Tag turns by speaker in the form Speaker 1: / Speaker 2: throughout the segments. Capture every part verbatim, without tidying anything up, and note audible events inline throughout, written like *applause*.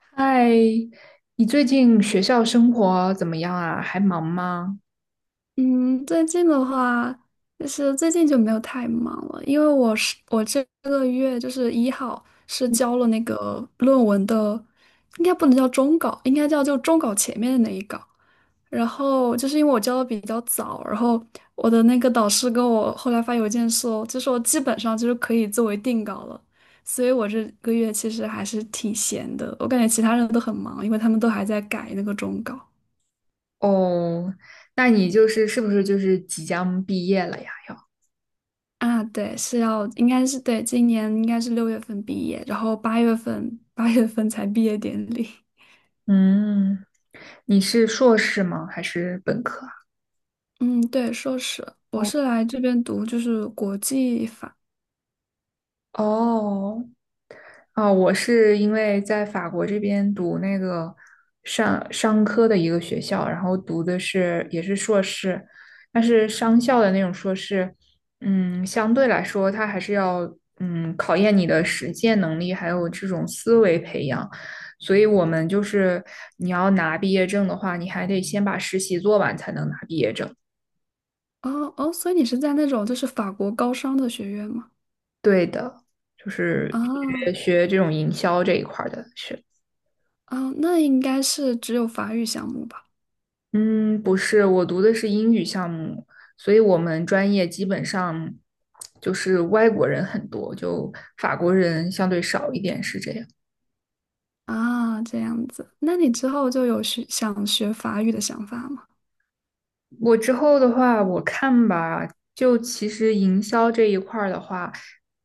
Speaker 1: 嗨，你最近学校生活怎么样啊？还忙吗？
Speaker 2: 嗯，最近的话，就是最近就没有太忙了，因为我是我这个月就是一号是交了那个论文的，应该不能叫终稿，应该叫就终稿前面的那一稿。然后就是因为我交的比较早，然后我的那个导师跟我后来发邮件说，就说基本上就是可以作为定稿了，所以我这个月其实还是挺闲的。我感觉其他人都很忙，因为他们都还在改那个终稿。
Speaker 1: 哦，那你就是是不是就是即将毕业了呀？
Speaker 2: 啊，对，是要，应该是，对，今年应该是六月份毕业，然后八月份八月份才毕业典礼。
Speaker 1: 嗯，你是硕士吗？还是本科啊？
Speaker 2: 嗯，对，硕士，我
Speaker 1: 哦，
Speaker 2: 是来这边读就是国际法。
Speaker 1: 哦，哦，我是因为在法国这边读那个商商科的一个学校，然后读的是也是硕士，但是商校的那种硕士，嗯，相对来说它还是要嗯考验你的实践能力，还有这种思维培养。所以我们就是你要拿毕业证的话，你还得先把实习做完才能拿毕业证。
Speaker 2: 哦哦，所以你是在那种就是法国高商的学院吗？
Speaker 1: 对的，就是学
Speaker 2: 啊
Speaker 1: 学这种营销这一块儿的学。
Speaker 2: 啊，那应该是只有法语项目吧？
Speaker 1: 嗯，不是，我读的是英语项目，所以我们专业基本上就是外国人很多，就法国人相对少一点，是这样。
Speaker 2: 啊，这样子，那你之后就有学想学法语的想法吗？
Speaker 1: 我之后的话，我看吧，就其实营销这一块儿的话，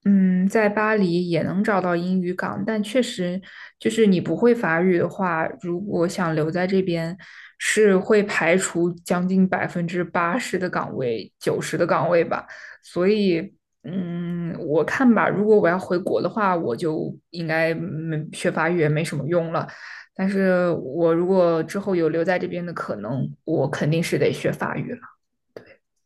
Speaker 1: 嗯，在巴黎也能找到英语岗，但确实就是你不会法语的话，如果想留在这边，是会排除将近百分之八十的岗位，九十的岗位吧。所以，嗯，我看吧，如果我要回国的话，我就应该没学法语也没什么用了。但是我如果之后有留在这边的可能，我肯定是得学法语了。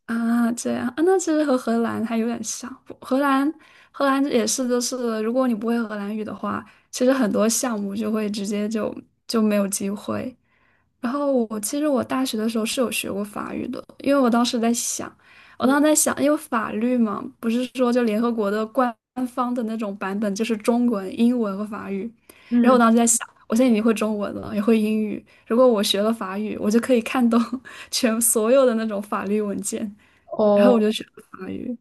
Speaker 2: 啊，这样啊，那其实和荷兰还有点像。不荷兰，荷兰也是，就是如果你不会荷兰语的话，其实很多项目就会直接就就没有机会。然后我其实我大学的时候是有学过法语的，因为我当时在想，我当时在想，因为法律嘛，不是说就联合国的官方的那种版本就是中文、英文和法语。然后我
Speaker 1: 嗯，
Speaker 2: 当时在想，我现在已经会中文了，也会英语，如果我学了法语，我就可以看懂 *laughs* 全所有的那种法律文件。然后我
Speaker 1: 哦，
Speaker 2: 就学了法语。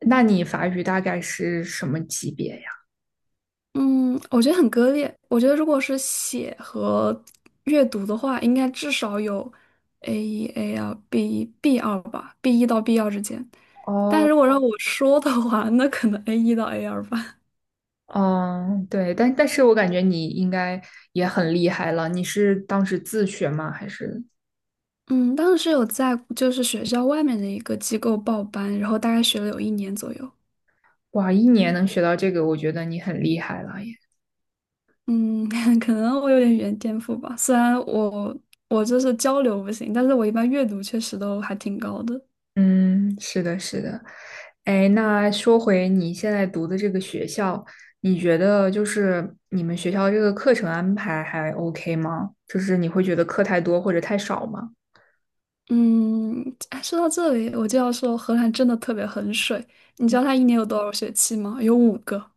Speaker 1: 那你法语大概是什么级别呀？
Speaker 2: 嗯，我觉得很割裂。我觉得如果是写和阅读的话，应该至少有 A 一、A 二、B 一、B 二吧，B 一到 B 二之间。但
Speaker 1: 哦，
Speaker 2: 如果让我说的话，那可能 A 一到 A 二吧。
Speaker 1: 嗯，对，但但是我感觉你应该也很厉害了。你是当时自学吗？还是
Speaker 2: 嗯，当时是有在就是学校外面的一个机构报班，然后大概学了有一年左右。
Speaker 1: 哇，一年能学到这个，我觉得你很厉害了。
Speaker 2: 嗯，*laughs* 可能我有点语言天赋吧，虽然我我就是交流不行，但是我一般阅读确实都还挺高的。
Speaker 1: 嗯，是的，是的。哎，那说回你现在读的这个学校，你觉得就是你们学校这个课程安排还 OK 吗？就是你会觉得课太多或者太少吗？
Speaker 2: 嗯，哎，说到这里，我就要说荷兰真的特别很水。你知道它一年有多少学期吗？有五个，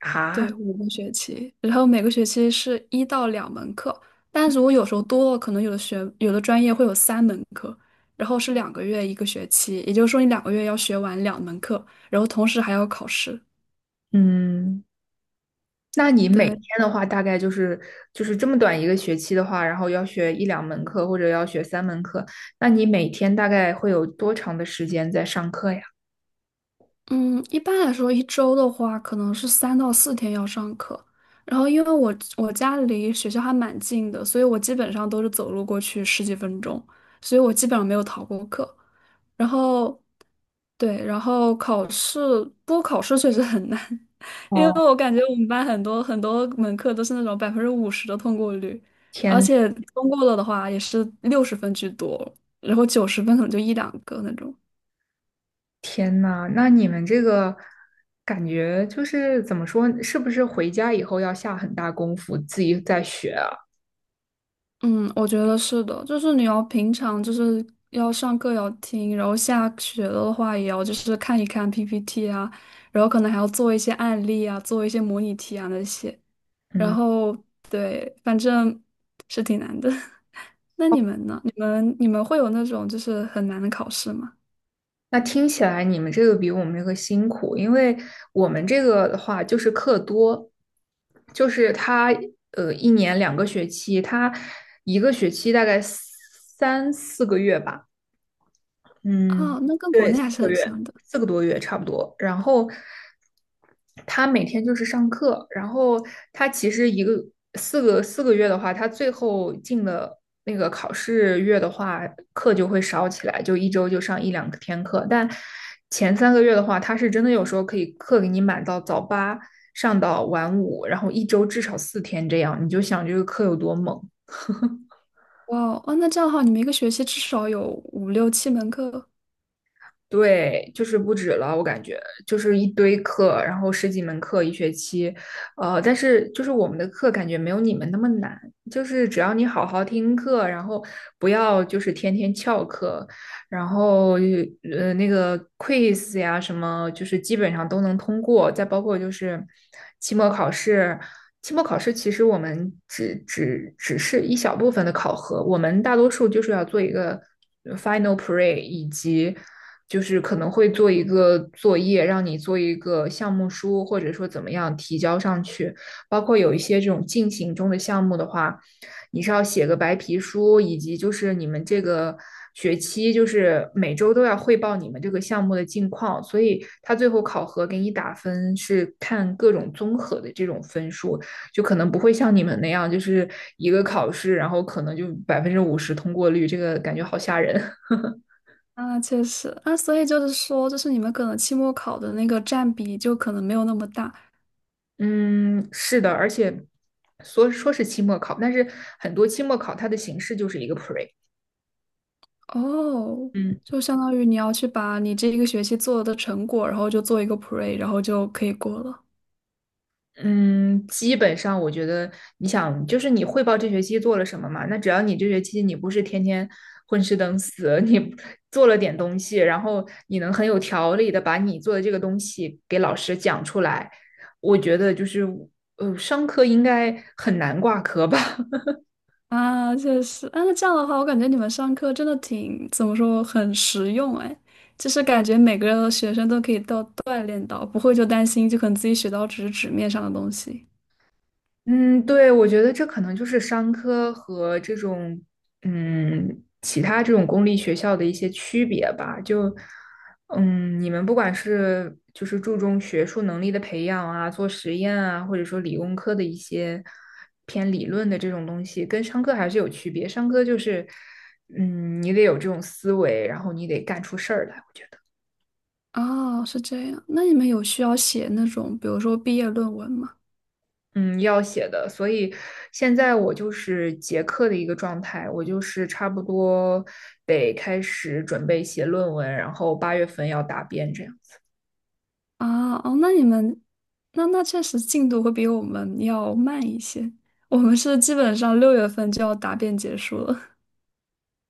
Speaker 1: 啊，
Speaker 2: 对，五个学期。然后每个学期是一到两门课，但如果有时候多了，可能有的学有的专业会有三门课，然后是两个月一个学期，也就是说你两个月要学完两门课，然后同时还要考试。
Speaker 1: 嗯，那你每天
Speaker 2: 对，
Speaker 1: 的话，大概就是就是这么短一个学期的话，然后要学一两门课或者要学三门课，那你每天大概会有多长的时间在上课呀？
Speaker 2: 嗯，一般来说，一周的话，可能是三到四天要上课。然后，因为我我家离学校还蛮近的，所以我基本上都是走路过去十几分钟，所以我基本上没有逃过课。然后，对，然后考试，不过考试确实很难，*laughs* 因为
Speaker 1: 哦，
Speaker 2: 我感觉我们班很多很多门课都是那种百分之五十的通过率，而
Speaker 1: 天。
Speaker 2: 且通过了的话也是六十分居多，然后九十分可能就一两个那种。
Speaker 1: 天呐，那你们这个感觉就是怎么说？是不是回家以后要下很大功夫自己再学啊？
Speaker 2: 嗯，我觉得是的，就是你要平常就是要上课要听，然后下学了的话也要就是看一看 P P T 啊，然后可能还要做一些案例啊，做一些模拟题啊那些，然后对，反正是挺难的。*laughs* 那你们呢？你们你们会有那种就是很难的考试吗？
Speaker 1: 那听起来你们这个比我们这个辛苦，因为我们这个的话就是课多，就是他呃一年两个学期，他一个学期大概三四个月吧。嗯，
Speaker 2: 啊，那跟国
Speaker 1: 对，
Speaker 2: 内
Speaker 1: 四
Speaker 2: 还是
Speaker 1: 个
Speaker 2: 很
Speaker 1: 月，
Speaker 2: 像的。
Speaker 1: 四个多月差不多。然后他每天就是上课，然后他其实一个四个四个月的话，他最后进了那个考试月的话，课就会少起来，就一周就上一两天课。但前三个月的话，他是真的有时候可以课给你满到早八上到晚五，然后一周至少四天这样，你就想这个课有多猛。
Speaker 2: 哇哦，哦那这样的话，你们一个学期至少有五六七门课。
Speaker 1: 对，就是不止了，我感觉就是一堆课，然后十几门课一学期，呃，但是就是我们的课感觉没有你们那么难，就是只要你好好听课，然后不要就是天天翘课，然后呃那个 quiz 呀什么，就是基本上都能通过，再包括就是期末考试，期末考试其实我们只只只是一小部分的考核，我们大多数就是要做一个 final pre 以及。就是可能会做一个作业，让你做一个项目书，或者说怎么样提交上去。包括有一些这种进行中的项目的话，你是要写个白皮书，以及就是你们这个学期就是每周都要汇报你们这个项目的近况，所以他最后考核给你打分是看各种综合的这种分数，就可能不会像你们那样，就是一个考试，然后可能就百分之五十通过率，这个感觉好吓人。
Speaker 2: 啊，确实，那所以就是说，就是你们可能期末考的那个占比就可能没有那么大。
Speaker 1: 嗯，是的，而且说说是期末考，但是很多期末考它的形式就是一个 pre。
Speaker 2: 哦，
Speaker 1: 嗯
Speaker 2: 就相当于你要去把你这一个学期做的成果，然后就做一个 pre，然后就可以过了。
Speaker 1: 嗯，基本上我觉得，你想，就是你汇报这学期做了什么嘛？那只要你这学期你不是天天混吃等死，*laughs* 你做了点东西，然后你能很有条理的把你做的这个东西给老师讲出来，我觉得就是呃，商科应该很难挂科吧。
Speaker 2: 啊，确实，啊，那这样的话，我感觉你们上课真的挺，怎么说，很实用哎，就是感觉每个学生都可以到锻炼到，不会就担心，就可能自己学到只是纸面上的东西。
Speaker 1: 嗯，对，我觉得这可能就是商科和这种嗯其他这种公立学校的一些区别吧。就嗯，你们不管是就是注重学术能力的培养啊，做实验啊，或者说理工科的一些偏理论的这种东西，跟商科还是有区别。商科就是嗯，你得有这种思维，然后你得干出事儿来，我觉得。
Speaker 2: 哦，是这样，那你们有需要写那种，比如说毕业论文吗？
Speaker 1: 嗯，要写的，所以现在我就是结课的一个状态，我就是差不多得开始准备写论文，然后八月份要答辩这样。
Speaker 2: 啊，哦，那你们，那那确实进度会比我们要慢一些。我们是基本上六月份就要答辩结束了。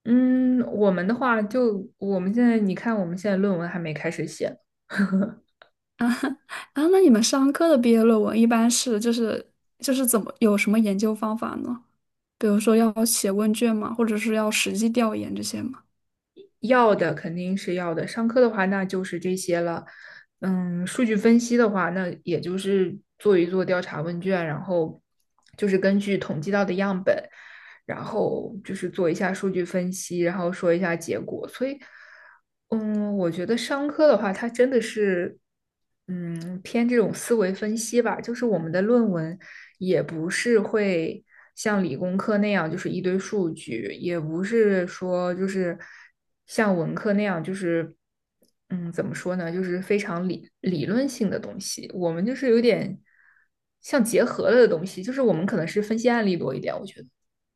Speaker 1: 嗯，我们的话就我们现在，你看我们现在论文还没开始写，*laughs*
Speaker 2: *laughs* 啊，那你们商科的毕业论文一般是就是就是怎么有什么研究方法呢？比如说要写问卷吗？或者是要实际调研这些吗？
Speaker 1: 要的肯定是要的，上课的话那就是这些了。嗯，数据分析的话，那也就是做一做调查问卷，然后就是根据统计到的样本。然后就是做一下数据分析，然后说一下结果。所以，嗯，我觉得商科的话，它真的是，嗯，偏这种思维分析吧。就是我们的论文也不是会像理工科那样，就是一堆数据，也不是说就是像文科那样，就是。嗯，怎么说呢？就是非常理理论性的东西，我们就是有点像结合了的东西，就是我们可能是分析案例多一点，我觉得。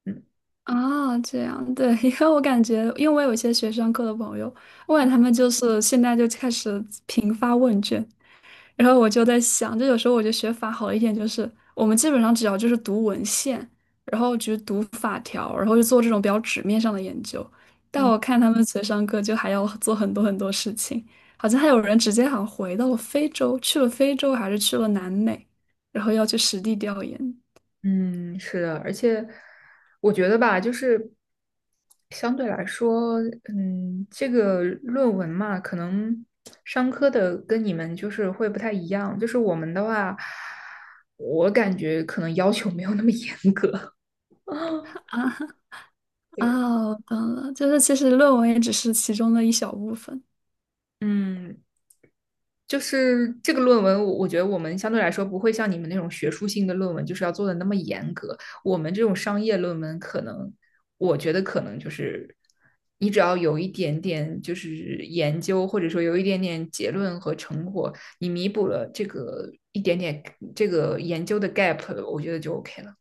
Speaker 1: 嗯。
Speaker 2: 啊，这样，对，*laughs* 因为我感觉，因为我有一些学商科的朋友，我感觉他们就是现在就开始频发问卷，然后我就在想，就有时候我觉得学法好一点，就是我们基本上只要就是读文献，然后就是读法条，然后就做这种比较纸面上的研究。但我看他们学商科就还要做很多很多事情，好像还有人直接好像回到了非洲，去了非洲还是去了南美，然后要去实地调研
Speaker 1: 嗯，是的，而且我觉得吧，就是相对来说，嗯，这个论文嘛，可能商科的跟你们就是会不太一样，就是我们的话，我感觉可能要求没有那么严格。*laughs*
Speaker 2: 啊。 *laughs*
Speaker 1: 对，
Speaker 2: 啊！我懂了，就是其实论文也只是其中的一小部分。
Speaker 1: 嗯，就是这个论文，我我觉得我们相对来说不会像你们那种学术性的论文，就是要做的那么严格。我们这种商业论文，可能我觉得可能就是你只要有一点点就是研究，或者说有一点点结论和成果，你弥补了这个一点点这个研究的 gap，我觉得就 OK 了。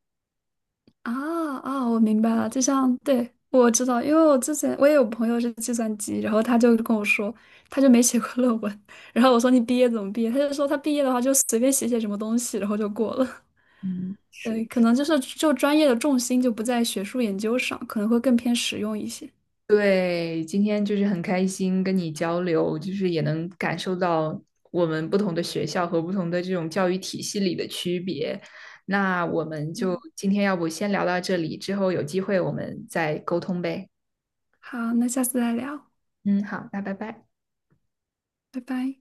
Speaker 2: 啊啊，我明白了，就像对我知道，因为我之前我也有朋友是计算机，然后他就跟我说，他就没写过论文，然后我说你毕业怎么毕业？他就说他毕业的话就随便写写什么东西，然后就过了。
Speaker 1: 嗯，
Speaker 2: *laughs*
Speaker 1: 是的。
Speaker 2: 对，可能就是就专业的重心就不在学术研究上，可能会更偏实用一些。
Speaker 1: 对，今天就是很开心跟你交流，就是也能感受到我们不同的学校和不同的这种教育体系里的区别。那我们就
Speaker 2: 嗯，
Speaker 1: 今天要不先聊到这里，之后有机会我们再沟通呗。
Speaker 2: 好，那下次再聊，
Speaker 1: 嗯，好，那拜拜。
Speaker 2: 拜拜。